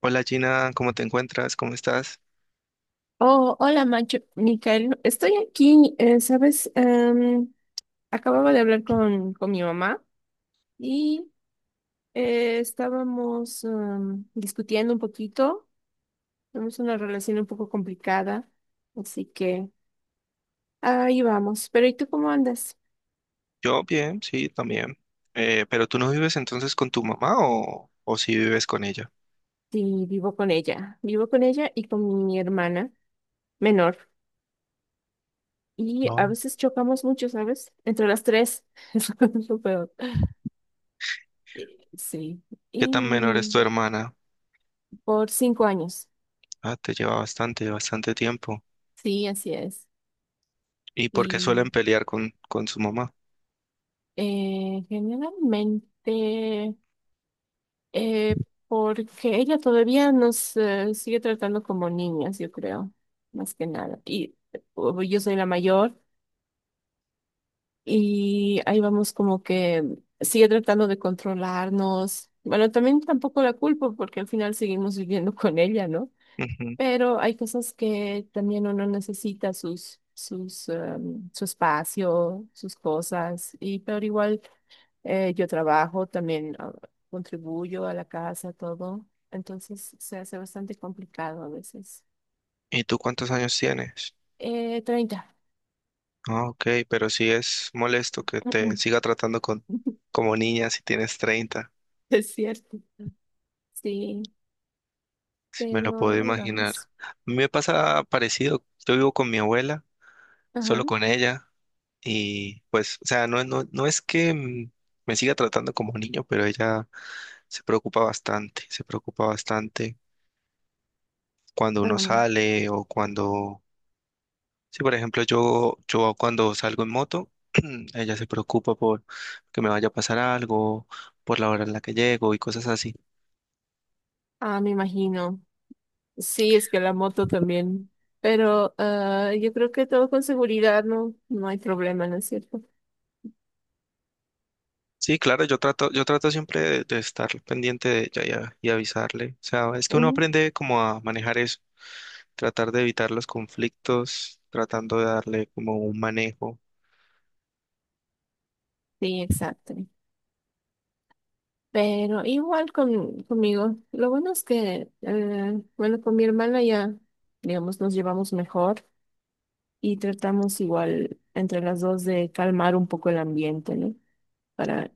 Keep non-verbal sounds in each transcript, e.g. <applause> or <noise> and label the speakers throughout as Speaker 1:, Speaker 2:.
Speaker 1: Hola Gina, ¿cómo te encuentras? ¿Cómo estás?
Speaker 2: Oh, hola, Macho, Micael. Estoy aquí, ¿sabes? Acababa de hablar con mi mamá y estábamos discutiendo un poquito. Tenemos una relación un poco complicada, así que ahí vamos. Pero ¿y tú cómo andas?
Speaker 1: Yo bien, sí, también. ¿Pero tú no vives entonces con tu mamá o sí vives con ella?
Speaker 2: Sí, vivo con ella. Vivo con ella y con mi hermana menor. Y
Speaker 1: No.
Speaker 2: a veces chocamos mucho, ¿sabes? Entre las tres. <laughs> Es lo peor. Sí.
Speaker 1: ¿Qué tan menor es tu
Speaker 2: Y
Speaker 1: hermana?
Speaker 2: por 5 años.
Speaker 1: Ah, te lleva bastante, bastante tiempo.
Speaker 2: Sí, así es.
Speaker 1: ¿Y por qué
Speaker 2: Y
Speaker 1: suelen pelear con su mamá?
Speaker 2: generalmente, eh, porque ella todavía nos sigue tratando como niñas, yo creo, más que nada. Y yo soy la mayor y ahí vamos como que sigue tratando de controlarnos. Bueno, también tampoco la culpo porque al final seguimos viviendo <laughs> con ella, ¿no?
Speaker 1: Ujú.
Speaker 2: Pero hay cosas que también uno necesita sus, su espacio, sus cosas, y pero igual. Yo trabajo, también contribuyo a la casa, todo. Entonces se hace bastante complicado a veces.
Speaker 1: ¿Y tú cuántos años tienes?
Speaker 2: 30.
Speaker 1: Ah, ok, pero sí es molesto que te siga
Speaker 2: <laughs>
Speaker 1: tratando como niña si tienes 30.
Speaker 2: Es cierto. Sí,
Speaker 1: Si me lo
Speaker 2: pero
Speaker 1: puedo
Speaker 2: ahí
Speaker 1: imaginar.
Speaker 2: vamos.
Speaker 1: A mí me pasa parecido, yo vivo con mi abuela,
Speaker 2: Ajá.
Speaker 1: solo con ella. Y pues, o sea, no es que me siga tratando como niño, pero ella se preocupa bastante cuando uno
Speaker 2: Ah,
Speaker 1: sale o cuando, sí, por ejemplo, yo cuando salgo en moto, <clears throat> ella se preocupa por que me vaya a pasar algo, por la hora en la que llego y cosas así.
Speaker 2: ah, me imagino. Sí, es que la moto también. Pero yo creo que todo con seguridad, no hay problema, ¿no es cierto?
Speaker 1: Sí, claro, yo trato siempre de estar pendiente de ella y, y avisarle. O sea, es que uno
Speaker 2: Ujú.
Speaker 1: aprende como a manejar eso, tratar de evitar los conflictos, tratando de darle como un manejo.
Speaker 2: Sí, exacto. Pero igual conmigo. Lo bueno es que, bueno, con mi hermana ya, digamos, nos llevamos mejor y tratamos igual entre las dos de calmar un poco el ambiente, ¿no? Para,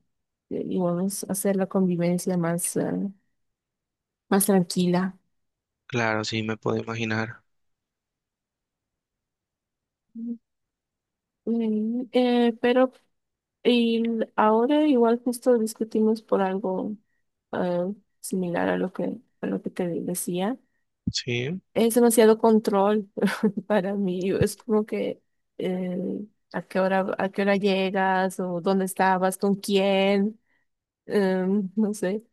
Speaker 2: digamos, hacer la convivencia más tranquila.
Speaker 1: Claro, sí, me puedo imaginar.
Speaker 2: Pero ahora igual justo discutimos por algo eh, similar a lo que, te decía.
Speaker 1: Sí,
Speaker 2: Es demasiado control. Para mí es como que eh, a qué hora llegas o dónde estabas, con quién, no sé,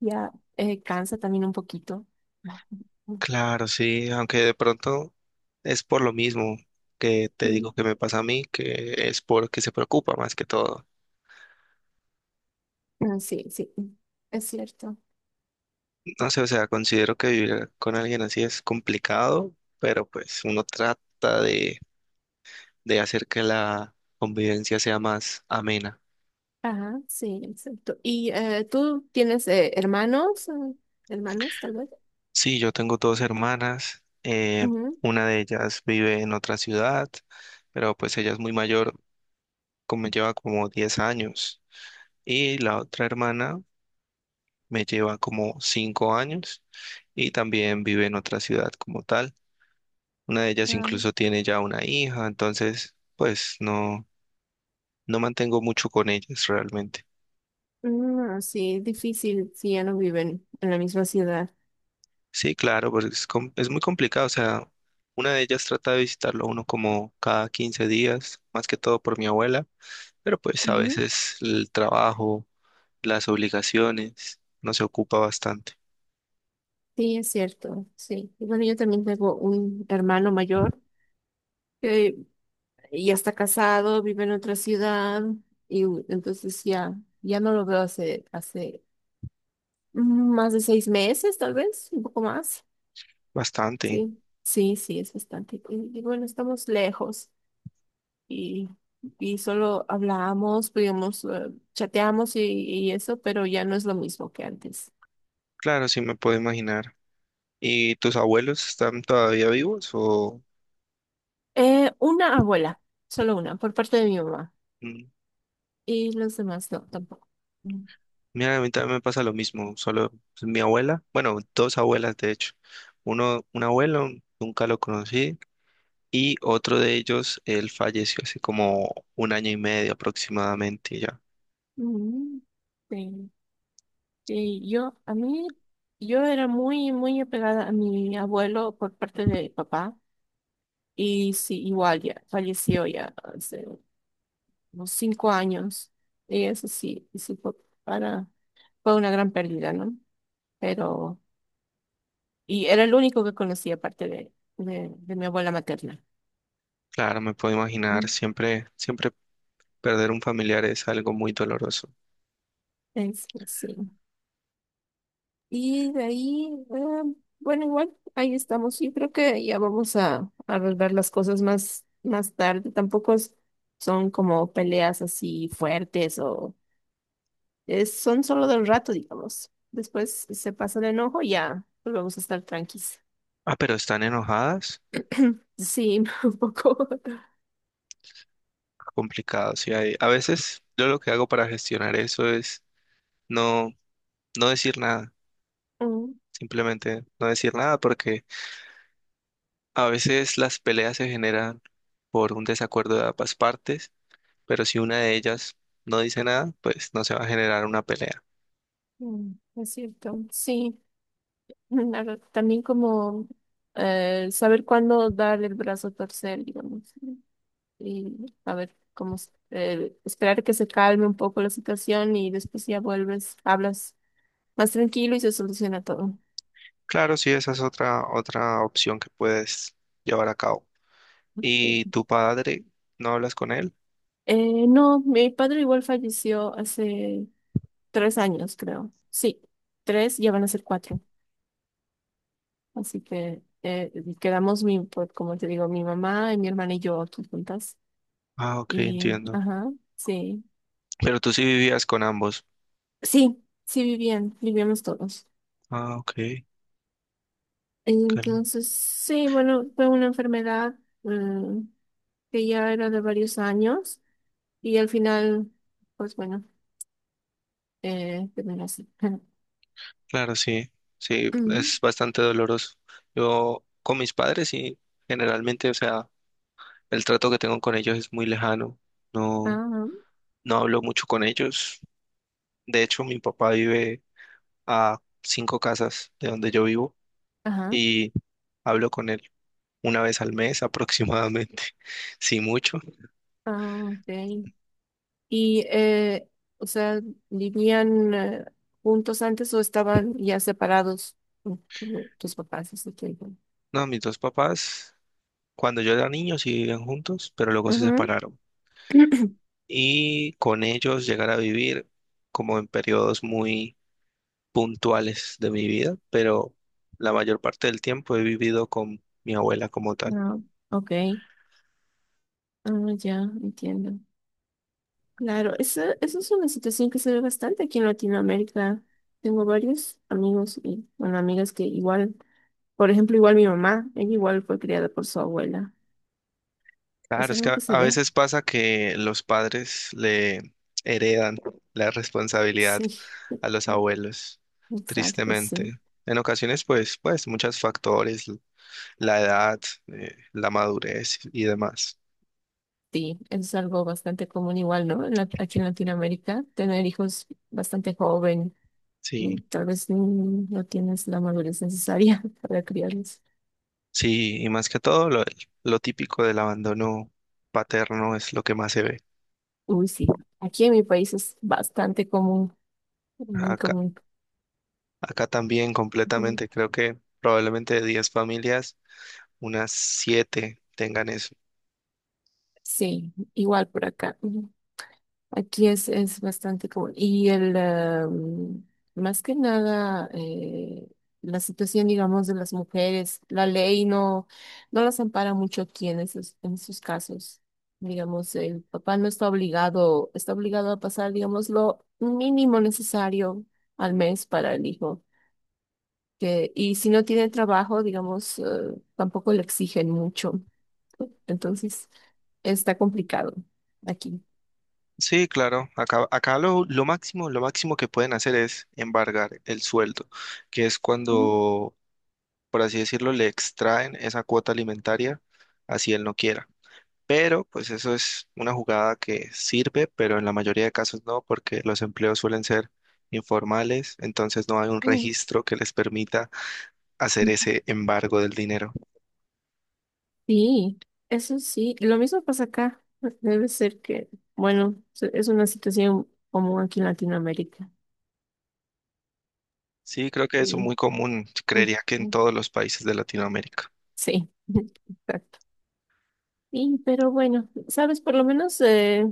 Speaker 2: ya cansa también un poquito. Mm,
Speaker 1: claro, sí, aunque de pronto es por lo mismo que te
Speaker 2: mm,
Speaker 1: digo que me pasa a mí, que es porque se preocupa más que todo.
Speaker 2: sí, sí, es cierto.
Speaker 1: No sé, o sea, considero que vivir con alguien así es complicado, pero pues uno trata de hacer que la convivencia sea más amena.
Speaker 2: Ajá, sí, exacto. ¿Y tú tienes hermanos, hermanas tal vez?
Speaker 1: Sí, yo tengo dos hermanas,
Speaker 2: Ujú.
Speaker 1: una de ellas vive en otra ciudad, pero pues ella es muy mayor, como lleva como 10 años. Y la otra hermana me lleva como 5 años y también vive en otra ciudad como tal. Una de ellas
Speaker 2: Ah,
Speaker 1: incluso tiene ya una hija, entonces pues no mantengo mucho con ellas realmente.
Speaker 2: mm, ah, sí, difícil si ya no viven en la misma ciudad.
Speaker 1: Sí, claro, porque es muy complicado, o sea, una de ellas trata de visitarlo a uno como cada 15 días, más que todo por mi abuela, pero pues a
Speaker 2: Ujú.
Speaker 1: veces el trabajo, las obligaciones, no se ocupa bastante,
Speaker 2: Sí, es cierto, sí. Y bueno, yo también tengo un hermano mayor. eh, ya está casado, vive en otra ciudad y entonces ya, ya no lo veo hace más de 6 meses, tal vez, un poco más.
Speaker 1: bastante.
Speaker 2: Sí, sí, sí, es bastante. Y bueno, estamos lejos y, y solo hablamos, digamos, chateamos y eso, pero ya no es lo mismo que antes.
Speaker 1: Claro, sí me puedo imaginar. ¿Y tus abuelos están todavía vivos o...?
Speaker 2: Una abuela, solo una, por parte de mi mamá.
Speaker 1: Mm.
Speaker 2: Y los demás no, tampoco. Mm.
Speaker 1: Mira, a mí también me pasa lo mismo, solo pues, mi abuela, bueno, dos abuelas de hecho, un abuelo, nunca lo conocí, y otro de ellos, él falleció hace como un año y medio aproximadamente, y ya.
Speaker 2: Mm, sí. Y yo, a mí, yo era muy, muy apegada a mi abuelo por parte de papá. Y sí, igual ya, falleció ya hace unos 5 años. Y eso sí, y sí fue para, fue una gran pérdida, ¿no? Pero, y era el único que conocía aparte de mi abuela materna.
Speaker 1: Claro, me puedo imaginar,
Speaker 2: Mm,
Speaker 1: siempre, siempre perder un familiar es algo muy doloroso.
Speaker 2: Es, pues sí. Y de ahí, bueno, igual, ahí estamos. Yo creo que ya vamos a arreglar las cosas más, más tarde. Tampoco son como peleas así fuertes o son solo del rato, digamos. Después se pasa el enojo y ya volvemos a estar tranquilos.
Speaker 1: Ah, pero están enojadas,
Speaker 2: Sí, <laughs> un poco.
Speaker 1: complicado, sí, a veces yo lo que hago para gestionar eso es no, no decir nada,
Speaker 2: Mm,
Speaker 1: simplemente no decir nada porque a veces las peleas se generan por un desacuerdo de ambas partes, pero si una de ellas no dice nada, pues no se va a generar una pelea.
Speaker 2: es cierto. Sí, la verdad, también como saber cuándo dar el brazo a torcer, digamos. Y a ver cómo esperar que se calme un poco la situación y después ya vuelves, hablas más tranquilo y se soluciona todo.
Speaker 1: Claro, sí, esa es otra opción que puedes llevar a cabo. ¿Y
Speaker 2: Sí.
Speaker 1: tu padre? ¿No hablas con él?
Speaker 2: No, mi padre igual falleció hace 3 años, creo. Sí, tres, ya van a ser cuatro. Así que quedamos, pues, como te digo, mi mamá y mi hermana y yo aquí juntas.
Speaker 1: Ah, ok,
Speaker 2: Y,
Speaker 1: entiendo.
Speaker 2: ajá, sí.
Speaker 1: Pero tú sí vivías con ambos.
Speaker 2: Sí, sí vivían, vivíamos todos.
Speaker 1: Ah, ok. cal-
Speaker 2: Entonces, sí, bueno, fue una enfermedad eh, que ya era de varios años y al final, pues bueno, terminó así. <clears throat>
Speaker 1: Claro, sí. Sí, es
Speaker 2: <laughs>
Speaker 1: bastante doloroso. Yo con mis padres, sí, generalmente, o sea, el trato que tengo con ellos es muy lejano. No.
Speaker 2: Ah,
Speaker 1: No hablo mucho con ellos. De hecho, mi papá vive a cinco casas de donde yo vivo
Speaker 2: ajá,
Speaker 1: y hablo con él una vez al mes aproximadamente, <laughs> si mucho.
Speaker 2: ah, ok. Y, o sea, ¿vivían juntos antes o estaban ya separados tus papás? Así que,
Speaker 1: No, mis dos papás, cuando yo era niño, sí vivían juntos, pero luego se
Speaker 2: ujú.
Speaker 1: separaron.
Speaker 2: <clears throat>
Speaker 1: Y con ellos llegar a vivir como en periodos muy puntuales de mi vida, pero la mayor parte del tiempo he vivido con mi abuela como tal.
Speaker 2: Ah, ok. Ah, ya, entiendo. Claro, esa es una situación que se ve bastante aquí en Latinoamérica. Tengo varios amigos y, bueno, amigas que igual. Por ejemplo, igual mi mamá, ella igual fue criada por su abuela. Es
Speaker 1: Claro, es que
Speaker 2: algo que
Speaker 1: a
Speaker 2: se
Speaker 1: a
Speaker 2: ve.
Speaker 1: veces pasa que los padres le heredan la responsabilidad
Speaker 2: Sí,
Speaker 1: a los
Speaker 2: <laughs>
Speaker 1: abuelos,
Speaker 2: exacto,
Speaker 1: tristemente.
Speaker 2: sí.
Speaker 1: En ocasiones, pues, muchos factores, la edad, la madurez y demás.
Speaker 2: Sí, es algo bastante común igual, ¿no? Aquí en Latinoamérica, tener hijos bastante joven
Speaker 1: Sí,
Speaker 2: y tal vez no tienes la madurez necesaria <laughs> para criarlos.
Speaker 1: sí, y más que todo, lo típico del abandono paterno es lo que más se ve.
Speaker 2: Uy, sí. Aquí en mi país es bastante común, muy
Speaker 1: Acá,
Speaker 2: común.
Speaker 1: acá también
Speaker 2: Ujú.
Speaker 1: completamente, creo que probablemente de 10 familias, unas 7 tengan eso.
Speaker 2: Sí, igual por acá. Aquí es bastante común. Más que nada, la situación, digamos, de las mujeres, la ley no las ampara mucho aquí en esos casos. Digamos, el papá no está obligado, está obligado a pasar, digamos, lo mínimo necesario al mes para el hijo. Que, y si no tiene trabajo, digamos, tampoco le exigen mucho. Entonces, está complicado aquí.
Speaker 1: Sí, claro. Acá lo máximo que pueden hacer es embargar el sueldo, que es
Speaker 2: Mm,
Speaker 1: cuando, por así decirlo, le extraen esa cuota alimentaria, así él no quiera. Pero, pues eso es una jugada que sirve, pero en la mayoría de casos no, porque los empleos suelen ser informales, entonces no hay un registro que les permita hacer
Speaker 2: mm.
Speaker 1: ese embargo del dinero.
Speaker 2: Sí, eso sí. Lo mismo pasa acá. Debe ser que, bueno, es una situación común aquí en Latinoamérica.
Speaker 1: Sí, creo que eso es
Speaker 2: Sí,
Speaker 1: muy común, creería que en todos los países de Latinoamérica.
Speaker 2: sí, <laughs> exacto. Sí, pero bueno, sabes, por lo menos eh,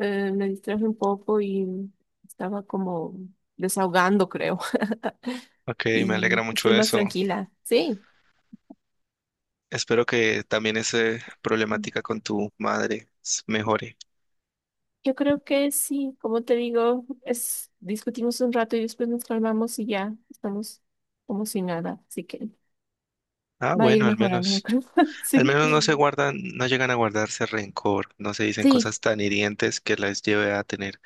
Speaker 2: eh, me distraje un poco y estaba como desahogando, creo. <laughs>
Speaker 1: Ok,
Speaker 2: Y
Speaker 1: me alegra mucho
Speaker 2: estoy más
Speaker 1: eso.
Speaker 2: tranquila. Sí,
Speaker 1: Espero que también esa problemática con tu madre mejore.
Speaker 2: yo creo que sí, como te digo, es discutimos un rato y después nos calmamos y ya estamos como si nada. Así que.
Speaker 1: Ah,
Speaker 2: Va a ir
Speaker 1: bueno, al
Speaker 2: mejorando, yo
Speaker 1: menos.
Speaker 2: creo. <laughs>
Speaker 1: Al
Speaker 2: Sí.
Speaker 1: menos no se guardan, no llegan a guardarse rencor, no se dicen
Speaker 2: Sí,
Speaker 1: cosas tan hirientes que las lleve a tener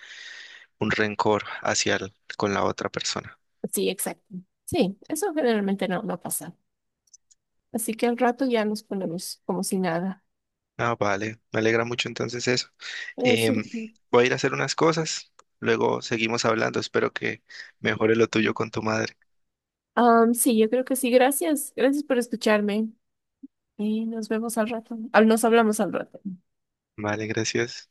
Speaker 1: un rencor hacia con la otra persona.
Speaker 2: sí, exacto. Sí, eso generalmente no pasa. Así que al rato ya nos ponemos como si nada.
Speaker 1: Ah, vale, me alegra mucho entonces eso. Em,
Speaker 2: Ese.
Speaker 1: Voy a ir a hacer unas cosas, luego seguimos hablando, espero que mejore lo tuyo con tu madre.
Speaker 2: Sí, yo creo que sí. Gracias. Gracias por escucharme. Y nos vemos al rato. Ah, nos hablamos al rato.
Speaker 1: Vale, gracias.